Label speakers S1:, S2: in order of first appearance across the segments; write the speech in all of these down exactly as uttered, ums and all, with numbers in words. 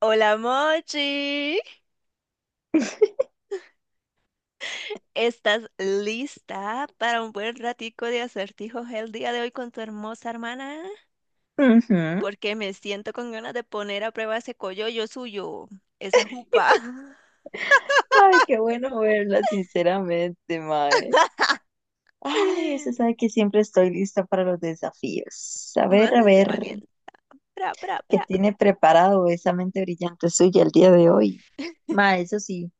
S1: Hola Mochi, ¿estás lista para un buen ratico de acertijos el día de hoy con tu hermosa hermana?
S2: Ujú.
S1: Porque me siento con ganas de poner a prueba ese coyollo suyo, esa jupa.
S2: Ay, qué bueno verla, sinceramente, Mae. Ay, se sabe que siempre estoy lista para los desafíos. A ver, a
S1: Mándese
S2: ver,
S1: valiente. Pra, pra,
S2: ¿qué
S1: pra.
S2: tiene preparado esa mente brillante suya el día de hoy? Mae, eso sí,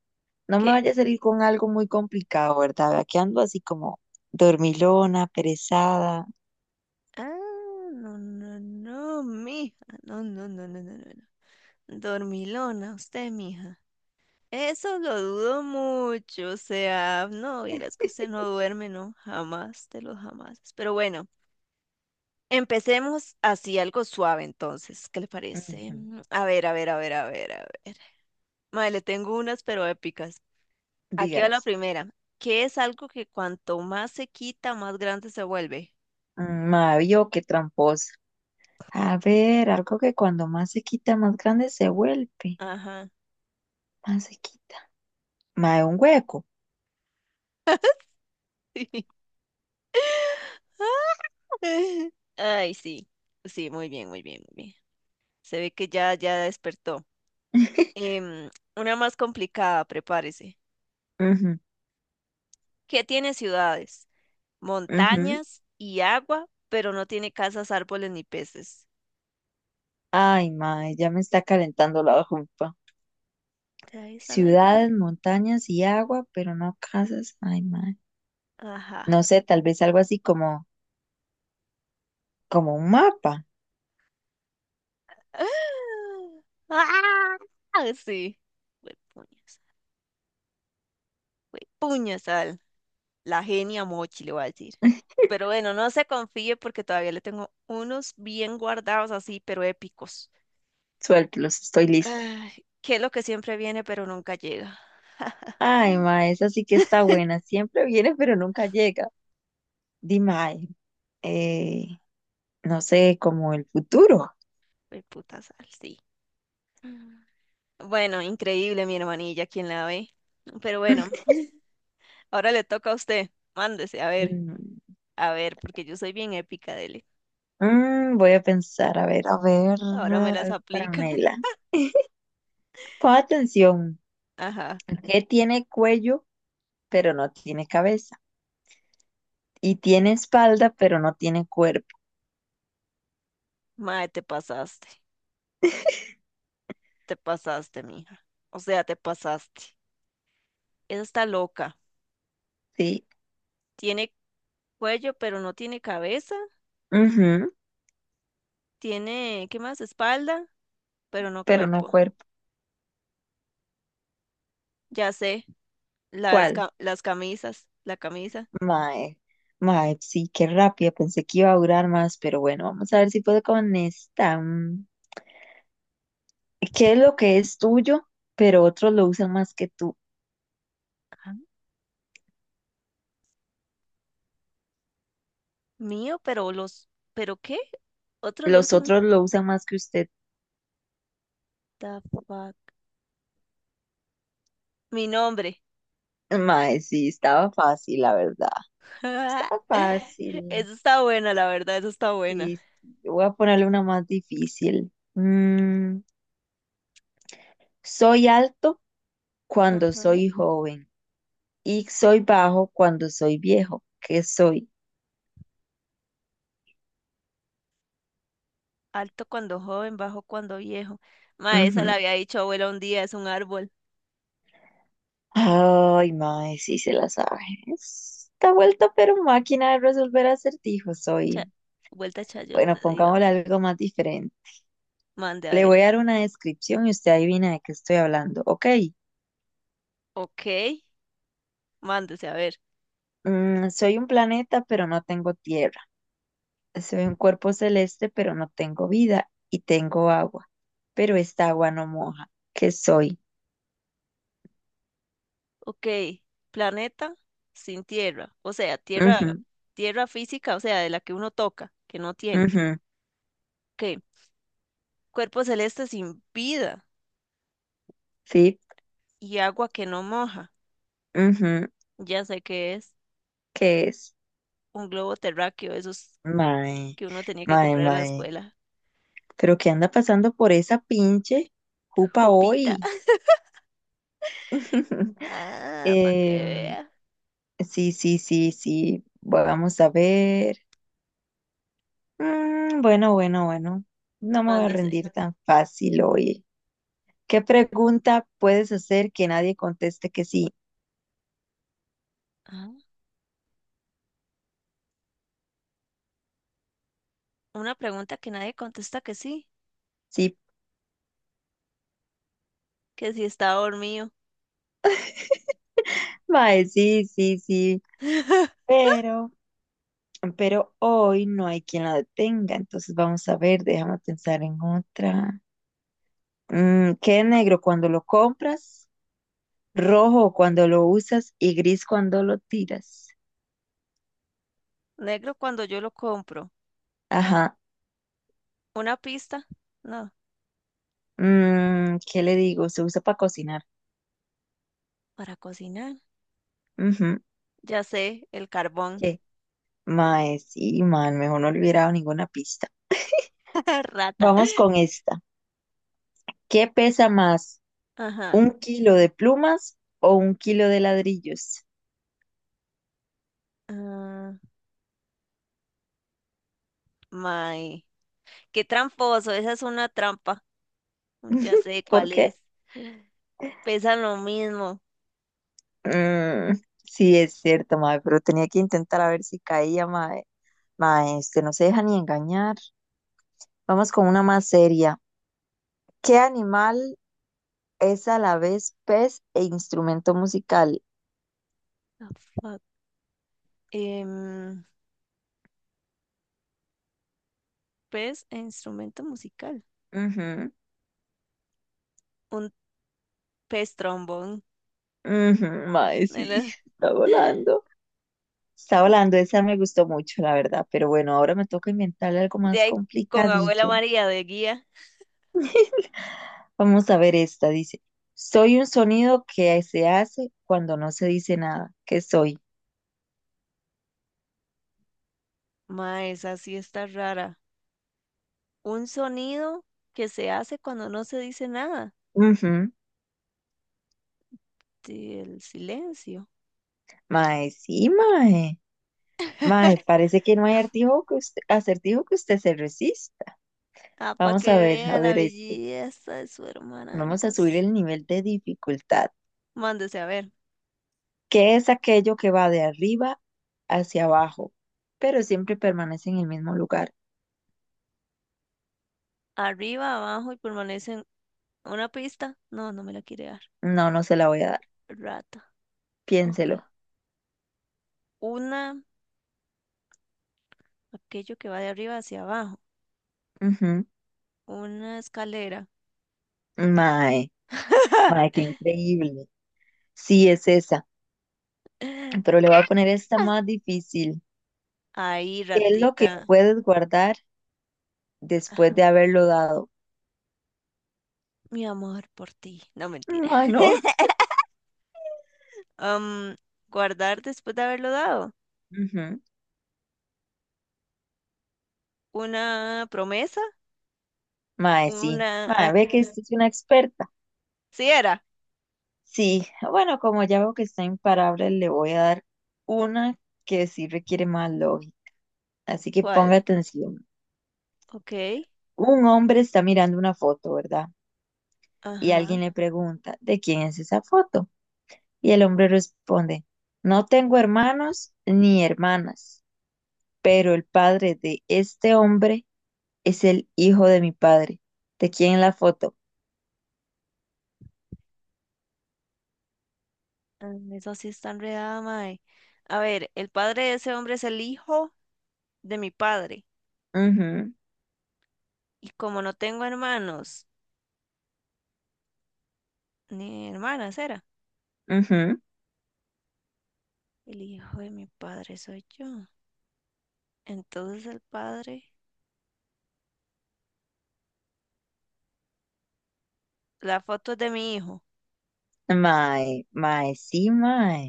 S2: no me
S1: ¿Qué?
S2: vaya a salir con algo muy complicado, ¿verdad? Aquí ando así como dormilona, perezada.
S1: Ah, no, no, no, mija. No, no, no, no, no, no. no. Dormilona, usted, mija. Eso lo dudo mucho, o sea, no, vieras que usted no duerme, no, jamás, de los jamás. Pero bueno, empecemos así, algo suave entonces, ¿qué le parece?
S2: Ujú.
S1: Mm, a ver, a ver, a ver, a ver, a ver. Mae, le tengo unas pero épicas. Aquí va la
S2: Dígalas.
S1: primera. ¿Qué es algo que cuanto más se quita, más grande se vuelve?
S2: Mm, Mae, vio qué tramposa. A ver, algo que cuando más se quita, más grande se vuelve.
S1: Ajá.
S2: Más se quita. Mae, un hueco.
S1: Ay, sí, sí, muy bien, muy bien, muy bien. Se ve que ya, ya despertó. Em, una más complicada, prepárese.
S2: Ujú,
S1: Que tiene ciudades,
S2: ujú.
S1: montañas y agua, pero no tiene casas, árboles ni peces.
S2: Ay, mae, ya me está calentando la jupa.
S1: ¿De ahí está la idea?
S2: Ciudades, montañas y agua, pero no casas. Ay, mae.
S1: Ajá.
S2: No sé, tal vez algo así como, como un mapa.
S1: ¡Ah! Sí. Huepuñas. Huepuñas al- La genia Mochi, le voy a decir. Pero bueno, no se confíe porque todavía le tengo unos bien guardados así, pero épicos.
S2: Suéltelos, estoy lista.
S1: Ay, ¿qué es lo que siempre viene pero nunca llega?
S2: Ay, mae, esa sí que está buena. Siempre viene, pero nunca llega. Dime, ay, eh, no sé, como el futuro.
S1: Puta sal, sí. Mm. Bueno, increíble, mi hermanilla, quien la ve. Pero bueno, ahora le toca a usted. Mándese, a ver,
S2: Mm,
S1: a ver, porque yo soy bien épica, dele.
S2: mm, voy a pensar, a ver, a ver,
S1: Ahora me las
S2: algo para
S1: aplica.
S2: Mela. Pon atención,
S1: Ajá.
S2: ¿qué tiene cuello, pero no tiene cabeza? Y tiene espalda, pero no tiene cuerpo.
S1: Mae, te pasaste. Te pasaste, mija. O sea, te pasaste. Esa está loca.
S2: Sí,
S1: Tiene cuello, pero no tiene cabeza.
S2: ujú,
S1: Tiene, ¿qué más? Espalda, pero no
S2: pero no
S1: cuerpo.
S2: cuerpo.
S1: Ya sé, las,
S2: ¿Cuál?
S1: ca- las camisas, la camisa.
S2: Mae, mae, sí, qué rápida. Pensé que iba a durar más, pero bueno, vamos a ver si puedo con esta. Mm, ¿qué es lo que es tuyo, pero otros lo usan más que tú?
S1: Ajá. Mío, pero los, ¿pero qué? Otros lo
S2: Los
S1: usan.
S2: otros lo usan más que usted.
S1: The fuck? Mi nombre.
S2: Mae, sí, estaba fácil, la verdad. Estaba fácil.
S1: Eso está buena, la verdad, eso está buena.
S2: Sí, voy a ponerle una más difícil. Mm, soy alto cuando
S1: Ajá.
S2: soy joven y soy bajo cuando soy viejo. ¿Qué soy?
S1: Alto cuando joven, bajo cuando viejo. Ma, esa la
S2: Ujú.
S1: había dicho abuela un día, es un árbol.
S2: Ay, mae, sí se la sabe. Está vuelto, pero máquina de resolver acertijos soy.
S1: Cha- Vuelta chayota,
S2: Bueno, pongámosle
S1: dígame.
S2: algo más diferente.
S1: Mande a
S2: Le
S1: ver.
S2: voy a dar una descripción y usted adivina de qué estoy hablando. Ok,
S1: Ok, mándese a ver.
S2: mm, soy un planeta, pero no tengo tierra. Soy un cuerpo celeste, pero no tengo vida y tengo agua. Pero esta agua no moja. ¿Qué soy?
S1: Ok, planeta sin tierra, o sea, tierra,
S2: Ujú,
S1: tierra física, o sea, de la que uno toca, que no tiene.
S2: ujú,
S1: Ok, cuerpo celeste sin vida
S2: sí,
S1: y agua que no moja.
S2: ujú,
S1: Ya sé que es
S2: ¿qué es?
S1: un globo terráqueo, eso es
S2: Mae,
S1: que uno tenía que
S2: mae,
S1: comprar en la
S2: mae.
S1: escuela.
S2: Pero qué anda pasando por esa pinche jupa
S1: Jupita.
S2: hoy.
S1: Ah, para que
S2: Em,
S1: vea.
S2: sí, sí, sí, sí. Bueno, vamos a ver. Mm, bueno, bueno, bueno. No me voy a
S1: Mándese.
S2: rendir tan fácil hoy. ¿Qué pregunta puedes hacer que nadie conteste que sí?
S1: Ah, una pregunta que nadie contesta que sí,
S2: Sí,
S1: que si está dormido.
S2: mae, sí, sí, sí. Pero, pero hoy no hay quien la detenga. Entonces vamos a ver, déjame pensar en otra. Mm, queda negro cuando lo compras, rojo cuando lo usas y gris cuando lo tiras.
S1: Negro cuando yo lo compro.
S2: Ajá.
S1: Una pista. No,
S2: Mm, ¿qué le digo? Se usa para cocinar.
S1: para cocinar.
S2: Ujú.
S1: Ya sé, el carbón.
S2: ¿Qué? Mae, sí, man, mejor no le hubiera dado ninguna pista.
S1: Rata.
S2: Vamos con esta. ¿Qué pesa más?
S1: Ajá.
S2: ¿Un kilo de plumas o un kilo de ladrillos?
S1: Ah, may. Qué tramposo, esa es una trampa. Ya sé
S2: ¿Por
S1: cuál es.
S2: qué?
S1: Pesan lo mismo.
S2: Mm, sí, es cierto, mae, pero tenía que intentar a ver si caía, mae. Mae, este no se deja ni engañar. Vamos con una más seria. ¿Qué animal es a la vez pez e instrumento musical?
S1: Ah, fuck. Em, Pez e instrumento musical.
S2: Ujú,
S1: Un pez trombón.
S2: ujú, mae, sí,
S1: ¿Verdad?
S2: está volando. Está volando, esa me gustó mucho, la verdad. Pero bueno, ahora me toca inventarle algo
S1: De
S2: más
S1: ahí con abuela
S2: complicadillo.
S1: María de guía.
S2: Vamos a ver esta, dice. Soy un sonido que se hace cuando no se dice nada. ¿Qué soy?
S1: Ma, esa sí está rara. Un sonido que se hace cuando no se dice nada.
S2: Ujú,
S1: Sí, el silencio.
S2: mae, sí, mae. Mae, parece que no hay artijo que usted- acertijo que usted se resista.
S1: Ah, para
S2: Vamos a
S1: que
S2: ver, a
S1: vea la
S2: ver esta.
S1: belleza de su hermana
S2: Vamos a subir
S1: hermosa.
S2: el nivel de dificultad,
S1: Mándese a ver.
S2: que es aquello que va de arriba hacia abajo, pero siempre permanece en el mismo lugar.
S1: Arriba, abajo y permanecen. ¿Una pista? No, no me la quiere dar.
S2: No, no se la voy a dar.
S1: Rata. Ok.
S2: Piénselo.
S1: Una, aquello que va de arriba hacia abajo.
S2: Ujú.
S1: Una escalera.
S2: Mae, mae, qué increíble. Sí, es esa, pero le voy a poner esta más difícil.
S1: Ahí,
S2: ¿Qué es lo que
S1: ratica,
S2: puedes guardar después de haberlo dado?
S1: mi amor por ti. No, mentira.
S2: Mano. No.
S1: Am, guardar después de haberlo dado.
S2: Ujú.
S1: Una promesa,
S2: Mae, sí.
S1: una... ah,
S2: Mae, ve que esta es una experta.
S1: sí era.
S2: Sí, bueno, como ya veo que está imparable, le voy a dar una que sí requiere más lógica. Así que ponga
S1: ¿Cuál?
S2: atención.
S1: Ok.
S2: Un hombre está mirando una foto, ¿verdad? Y
S1: Ajá.
S2: alguien le pregunta, ¿de quién es esa foto? Y el hombre responde, no tengo hermanos ni hermanas, pero el padre de este hombre es el hijo de mi padre. ¿De quién es la foto?
S1: Am, eso sí está enredada, mae. A ver, el padre de ese hombre es el hijo de mi padre.
S2: Mhm,
S1: Y como no tengo hermanos, ni hermanas, era.
S2: mhm.
S1: El hijo de mi padre soy yo. Entonces el padre... la foto es de mi hijo.
S2: Mae, mae, sí, mae.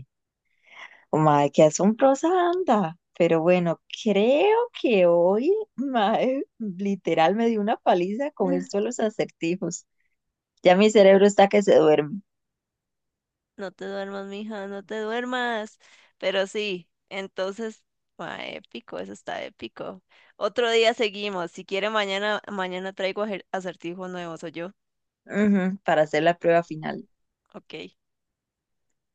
S2: Mae, qué asombrosa anda. Pero bueno, creo que hoy, mae, literal me dio una paliza con esto de los acertijos. Ya mi cerebro está que se duerme.
S1: No te duermas, mija, no te duermas. Pero sí, entonces, ma, épico, eso está épico. Otro día seguimos. Si quiere, mañana, mañana traigo ajer- acertijos nuevos, ¿o yo?
S2: Ujú, para hacer la prueba final.
S1: Ok.